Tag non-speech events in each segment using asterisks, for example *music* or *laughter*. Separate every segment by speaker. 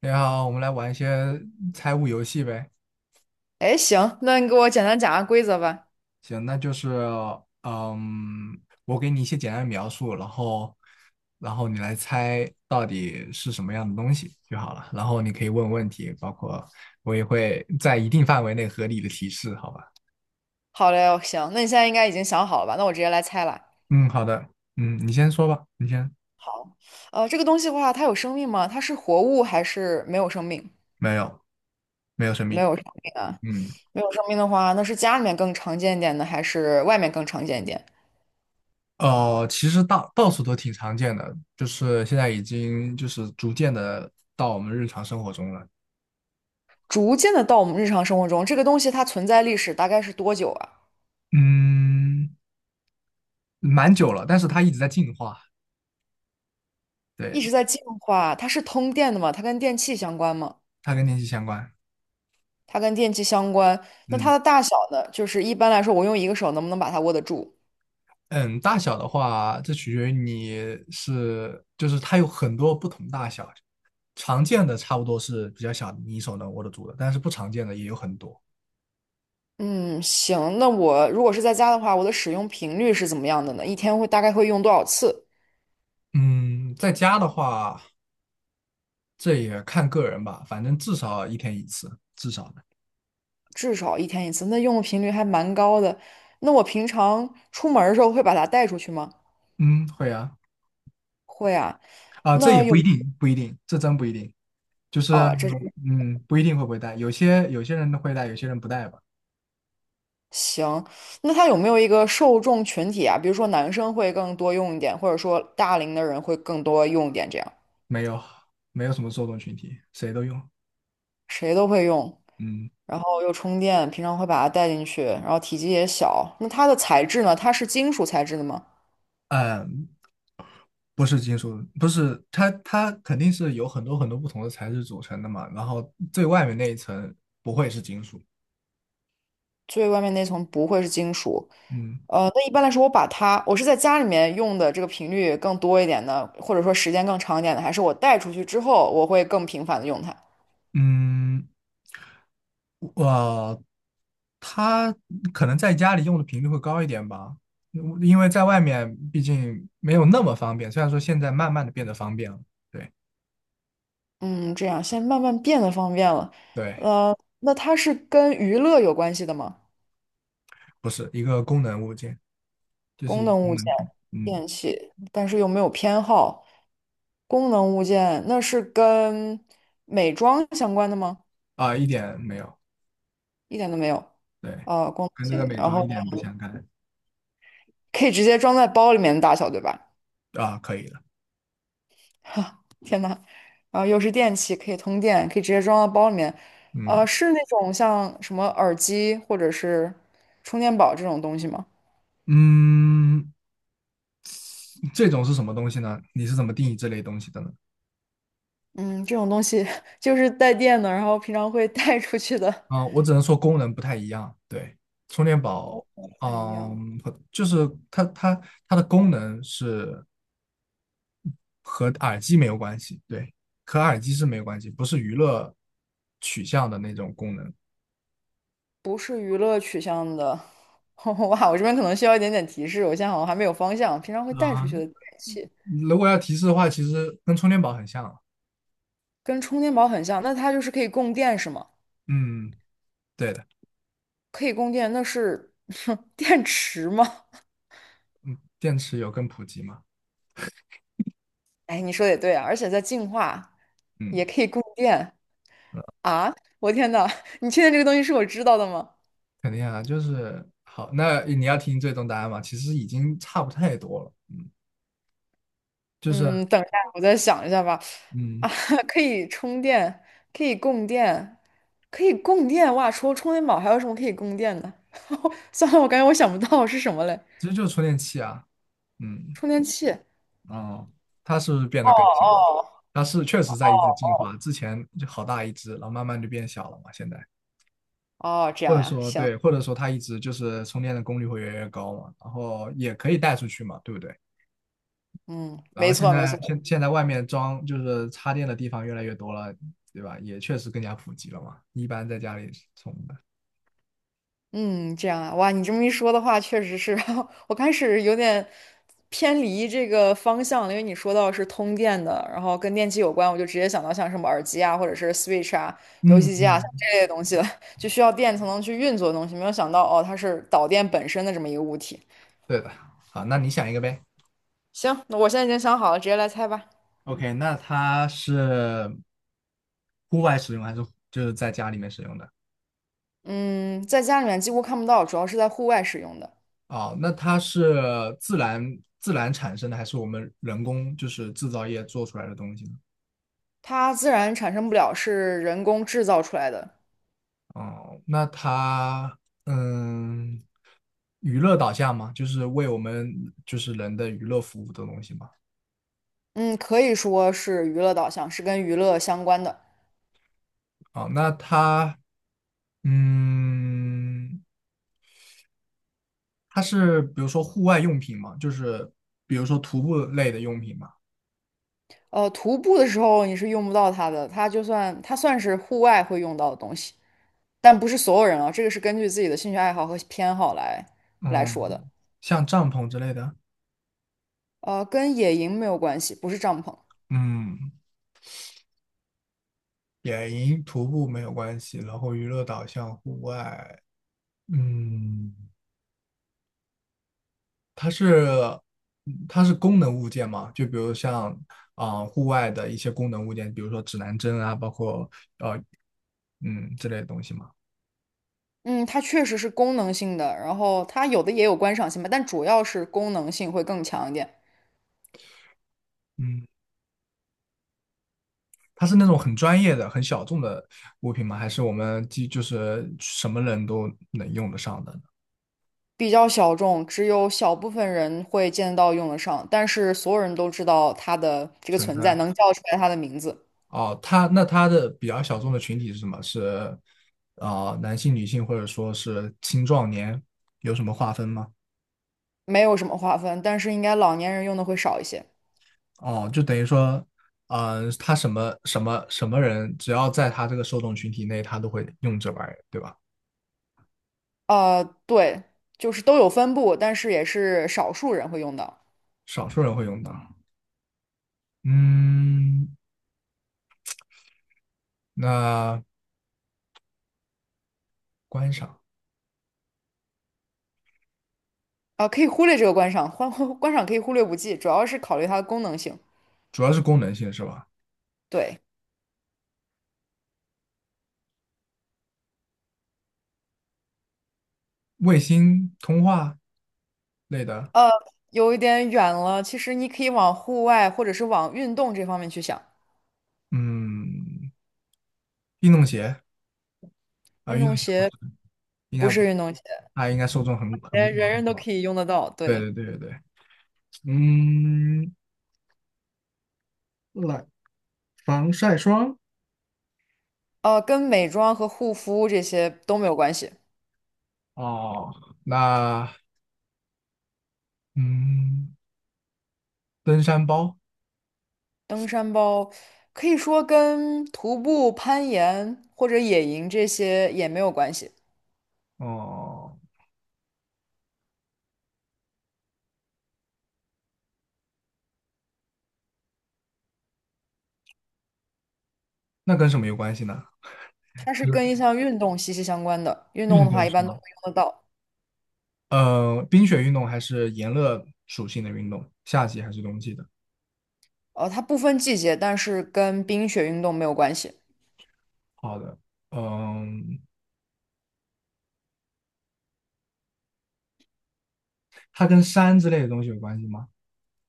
Speaker 1: 你好，我们来玩一些猜物游戏呗。
Speaker 2: 哎，行，那你给我简单讲下规则吧。
Speaker 1: 行，那就是，我给你一些简单的描述，然后你来猜到底是什么样的东西就好了。然后你可以问问题，包括我也会在一定范围内合理的提示，好吧？
Speaker 2: 好嘞，行，那你现在应该已经想好了吧？那我直接来猜了。
Speaker 1: 嗯，好的，你先说吧，你先。
Speaker 2: 好，这个东西的话，它有生命吗？它是活物还是没有生命？
Speaker 1: 没有，没有生
Speaker 2: 没
Speaker 1: 命。
Speaker 2: 有生命啊，
Speaker 1: 嗯，
Speaker 2: 没有生命的话，那是家里面更常见一点呢，还是外面更常见一点？
Speaker 1: 其实到处都挺常见的，就是现在已经就是逐渐的到我们日常生活中了。
Speaker 2: 逐渐的到我们日常生活中，这个东西它存在历史大概是多久啊？
Speaker 1: 嗯。蛮久了，但是它一直在进化，
Speaker 2: 一直
Speaker 1: 对，
Speaker 2: 在进化，它是通电的吗？它跟电器相关吗？
Speaker 1: 它跟天气相关。
Speaker 2: 它跟电器相关，那它
Speaker 1: 嗯
Speaker 2: 的大小呢？就是一般来说，我用一个手能不能把它握得住？
Speaker 1: 嗯，大小的话，这取决于你是，就是它有很多不同大小，常见的差不多是比较小的，你手能握得住的，但是不常见的也有很多。
Speaker 2: 嗯，行，那我如果是在家的话，我的使用频率是怎么样的呢？一天会大概会用多少次？
Speaker 1: 嗯，在家的话，这也看个人吧，反正至少一天一次，至少的。
Speaker 2: 至少一天一次，那用的频率还蛮高的。那我平常出门儿的时候会把它带出去吗？
Speaker 1: 嗯，会啊，
Speaker 2: 会啊。
Speaker 1: 啊，这
Speaker 2: 那
Speaker 1: 也
Speaker 2: 有，
Speaker 1: 不一定，不一定，这真不一定，就是
Speaker 2: 哦，这是
Speaker 1: 嗯，不一定会不会带，有些人会带，有些人不带吧。
Speaker 2: 行。那它有没有一个受众群体啊？比如说男生会更多用一点，或者说大龄的人会更多用一点，这样
Speaker 1: 没有，没有什么受众群体，谁都用。
Speaker 2: 谁都会用，
Speaker 1: 嗯
Speaker 2: 然后又充电，平常会把它带进去，然后体积也小。那它的材质呢？它是金属材质的吗？
Speaker 1: 嗯，不是金属，不是它，它肯定是有很多很多不同的材质组成的嘛。然后最外面那一层不会是金属。
Speaker 2: 最外面那层不会是金属。
Speaker 1: 嗯
Speaker 2: 那一般来说，我把它，我是在家里面用的这个频率更多一点的，或者说时间更长一点的，还是我带出去之后，我会更频繁的用它。
Speaker 1: 嗯，我它可能在家里用的频率会高一点吧，因为在外面毕竟没有那么方便。虽然说现在慢慢的变得方便了。对
Speaker 2: 嗯，这样现在慢慢变得方便了。
Speaker 1: 对，
Speaker 2: 那它是跟娱乐有关系的吗？
Speaker 1: 不是一个功能物件，这是
Speaker 2: 功
Speaker 1: 一个
Speaker 2: 能
Speaker 1: 功
Speaker 2: 物件、
Speaker 1: 能品。嗯
Speaker 2: 电器，但是又没有偏好。功能物件，那是跟美妆相关的吗？
Speaker 1: 啊，一点没有。
Speaker 2: 一点都没有。
Speaker 1: 对，
Speaker 2: 功能
Speaker 1: 跟这个
Speaker 2: 性，
Speaker 1: 美
Speaker 2: 然
Speaker 1: 妆一
Speaker 2: 后
Speaker 1: 点不相干
Speaker 2: 可以直接装在包里面的大小，对吧？
Speaker 1: 啊，可以的，
Speaker 2: *laughs* 哈，天呐，然后又是电器，可以通电，可以直接装到包里面。
Speaker 1: 嗯
Speaker 2: 是那种像什么耳机或者是充电宝这种东西吗？
Speaker 1: 嗯，这种是什么东西呢？你是怎么定义这类东西的呢？
Speaker 2: 嗯，这种东西 *laughs* 就是带电的，然后平常会带出去的，
Speaker 1: 啊，我只能说功能不太一样，对，充电
Speaker 2: 功
Speaker 1: 宝，
Speaker 2: 能不太一样，
Speaker 1: 嗯，和就是它的功能是和耳机没有关系，对，和耳机是没有关系，不是娱乐取向的那种功能
Speaker 2: 不是娱乐取向的。*laughs* 哇，我这边可能需要一点点提示，我现在好像还没有方向。平常会带出
Speaker 1: 啊。
Speaker 2: 去的电器
Speaker 1: 如果要提示的话，其实跟充电宝很像，
Speaker 2: 跟充电宝很像，那它就是可以供电是吗？
Speaker 1: 嗯，对的，
Speaker 2: 可以供电，那是 *laughs* 电池吗？
Speaker 1: 电池有更普及嘛，
Speaker 2: 哎，你说的也对啊，而且在净化，
Speaker 1: 嗯。
Speaker 2: 也可以供电啊！我天呐，你确定这个东西是我知道的吗？
Speaker 1: 肯定啊，就是好。那你要听最终答案嘛？其实已经差不太多了，嗯，就是
Speaker 2: 嗯，等一下，我再想一下吧。
Speaker 1: 嗯，
Speaker 2: 啊，*laughs* 可以充电，可以供电，可以供电！哇，除了充电宝，还有什么可以供电的？*laughs* 算了，我感觉我想不到是什么嘞。
Speaker 1: 其实就是充电器啊，嗯
Speaker 2: 充电器。
Speaker 1: 哦，它是不是变
Speaker 2: 哦
Speaker 1: 得更小了？
Speaker 2: 哦
Speaker 1: 它是确实在一直进化，之前就好大一只，然后慢慢就变小了嘛，现在。
Speaker 2: 哦，这
Speaker 1: 或
Speaker 2: 样
Speaker 1: 者
Speaker 2: 呀，
Speaker 1: 说
Speaker 2: 行，
Speaker 1: 对，或者说它一直就是充电的功率会越来越高嘛，然后也可以带出去嘛，对不对？
Speaker 2: 嗯，
Speaker 1: 然后
Speaker 2: 没错没错，
Speaker 1: 现在外面装就是插电的地方越来越多了，对吧？也确实更加普及了嘛，一般在家里充的。
Speaker 2: 嗯，这样啊，哇，你这么一说的话，确实是，*laughs* 我开始有点偏离这个方向了，因为你说到是通电的，然后跟电器有关，我就直接想到像什么耳机啊，或者是 Switch 啊、游
Speaker 1: 嗯
Speaker 2: 戏机啊
Speaker 1: 嗯，
Speaker 2: 像这类东西了，*laughs* 就需要电才能去运作的东西，没有想到哦，它是导电本身的这么一个物体。
Speaker 1: 对的，好，那你想一个呗。
Speaker 2: 行，那我现在已经想好了，直接来猜吧。
Speaker 1: OK，那它是户外使用还是就是在家里面使用的？
Speaker 2: 嗯，在家里面几乎看不到，主要是在户外使用的，
Speaker 1: 哦，那它是自然产生的，还是我们人工就是制造业做出来的东西呢？
Speaker 2: 它自然产生不了，是人工制造出来的。
Speaker 1: 哦，那它嗯，娱乐导向吗？就是为我们就是人的娱乐服务的东西吗？
Speaker 2: 嗯，可以说是娱乐导向，是跟娱乐相关的。
Speaker 1: 哦，那它嗯，它是比如说户外用品吗？就是比如说徒步类的用品吗？
Speaker 2: 徒步的时候你是用不到它的，它算是户外会用到的东西，但不是所有人啊，这个是根据自己的兴趣爱好和偏好来说的。
Speaker 1: 嗯，像帐篷之类的，
Speaker 2: 跟野营没有关系，不是帐篷。
Speaker 1: 嗯，野营徒步没有关系，然后娱乐导向户外，嗯，它是它是功能物件嘛，就比如像啊、户外的一些功能物件，比如说指南针啊，包括嗯之类的东西嘛，
Speaker 2: 嗯，它确实是功能性的，然后它有的也有观赏性吧，但主要是功能性会更强一点，
Speaker 1: 嗯，它是那种很专业的、很小众的物品吗？还是我们就是什么人都能用得上的呢
Speaker 2: 比较小众，只有小部分人会见得到用得上，但是所有人都知道它的这个
Speaker 1: 存
Speaker 2: 存在，
Speaker 1: 在？
Speaker 2: 能叫出来它的名字，
Speaker 1: 哦，他的比较小众的群体是什么？是啊、男性、女性，或者说是青壮年，有什么划分吗？
Speaker 2: 没有什么划分，但是应该老年人用的会少一些。
Speaker 1: 哦，就等于说，嗯、他什么什么什么人，只要在他这个受众群体内，他都会用这玩意儿，对吧？
Speaker 2: 对，就是都有分布，但是也是少数人会用到。
Speaker 1: 少数人会用到。嗯，那观赏
Speaker 2: 啊、可以忽略这个观赏，观 *laughs* 观赏可以忽略不计，主要是考虑它的功能性。
Speaker 1: 主要是功能性是吧？
Speaker 2: 对，
Speaker 1: 卫星通话类的，
Speaker 2: 有一点远了，其实你可以往户外或者是往运动这方面去想。
Speaker 1: 嗯，运动鞋
Speaker 2: 运
Speaker 1: 运
Speaker 2: 动
Speaker 1: 动鞋不是，
Speaker 2: 鞋
Speaker 1: 应
Speaker 2: 不
Speaker 1: 该不，
Speaker 2: 是运动鞋，
Speaker 1: 它应该受众很
Speaker 2: 人人都
Speaker 1: 广。
Speaker 2: 可以用得到。
Speaker 1: 对
Speaker 2: 对，
Speaker 1: 对对对对，嗯，来，防晒霜
Speaker 2: 跟美妆和护肤这些都没有关系。
Speaker 1: 哦，那嗯，登山包
Speaker 2: 登山包可以说跟徒步、攀岩或者野营这些也没有关系。
Speaker 1: 哦，那跟什么有关系呢？
Speaker 2: 它是跟一
Speaker 1: 是
Speaker 2: 项运动息息相关的，运动
Speaker 1: 运
Speaker 2: 的话
Speaker 1: 动
Speaker 2: 一
Speaker 1: 是
Speaker 2: 般都
Speaker 1: 吗？
Speaker 2: 会用得到。
Speaker 1: 冰雪运动还是炎热属性的运动？夏季还是冬季的？
Speaker 2: 它不分季节，但是跟冰雪运动没有关系，
Speaker 1: 好的，嗯，它跟山之类的东西有关系吗？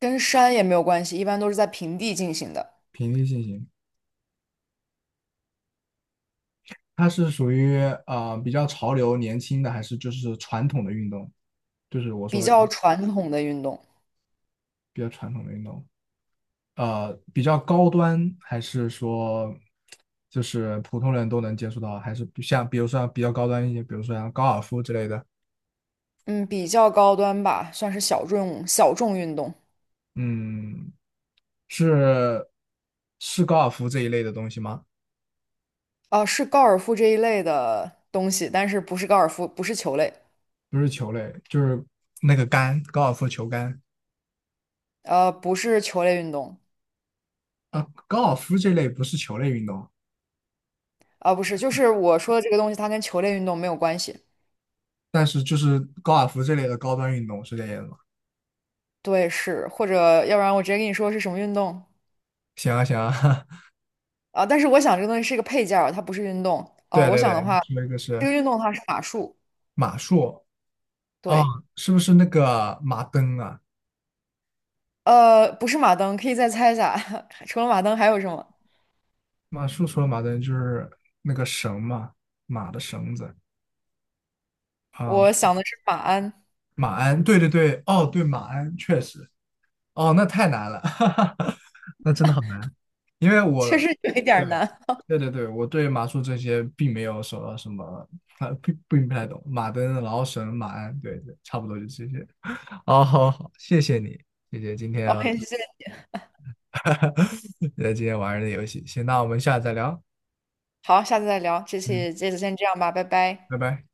Speaker 2: 跟山也没有关系，一般都是在平地进行的，
Speaker 1: 平地进行，它是属于比较潮流、年轻的，还是就是传统的运动？就是我
Speaker 2: 比
Speaker 1: 说
Speaker 2: 较传统的运动，
Speaker 1: 比较传统的运动。比较高端，还是说就是普通人都能接触到？还是像比如说比较高端一些，比如说像高尔夫之类的？
Speaker 2: 嗯，比较高端吧，算是小众运动。
Speaker 1: 嗯，是是高尔夫这一类的东西吗？
Speaker 2: 啊、是高尔夫这一类的东西，但是不是高尔夫，不是球类，
Speaker 1: 不是球类，就是那个杆，高尔夫球杆
Speaker 2: 不是球类运动，
Speaker 1: 啊，高尔夫这类不是球类运动，
Speaker 2: 啊、不是，就是我说的这个东西，它跟球类运动没有关系。
Speaker 1: 但是就是高尔夫这类的高端运动是这样的吗？
Speaker 2: 对，是，或者要不然我直接跟你说是什么运动。
Speaker 1: 行啊行啊，*laughs*
Speaker 2: 啊，但是我想这个东西是一个配件儿，它不是运动。
Speaker 1: 对
Speaker 2: 我
Speaker 1: 对
Speaker 2: 想的
Speaker 1: 对，你
Speaker 2: 话，
Speaker 1: 说一个
Speaker 2: 这个
Speaker 1: 是
Speaker 2: 运动的话是马术，
Speaker 1: 马术啊，
Speaker 2: 对，
Speaker 1: 是不是那个马灯啊？
Speaker 2: 不是马灯，可以再猜一下，*laughs* 除了马灯还有什么？
Speaker 1: 马术除了马灯就是那个绳嘛，马的绳子啊、
Speaker 2: 我想的是马鞍，
Speaker 1: 马鞍，对对对，哦，对，马鞍确实，哦，那太难了，*laughs* 哈哈，那真的好难，因为我，
Speaker 2: 确实有一点
Speaker 1: 对，
Speaker 2: 儿难。
Speaker 1: 对对对，我对马术这些并没有什么什么，啊，并不太懂，马灯，然后绳，马鞍，对对，差不多就这些。哦，好好，谢谢你，谢谢今
Speaker 2: *laughs*
Speaker 1: 天，
Speaker 2: OK，谢
Speaker 1: *laughs*
Speaker 2: 谢，
Speaker 1: 哈哈，*laughs* 今天玩儿的游戏，行，那我们下次再聊，
Speaker 2: 好，下次再聊，这
Speaker 1: 嗯，
Speaker 2: 期这次先这样吧，拜拜。
Speaker 1: 拜拜。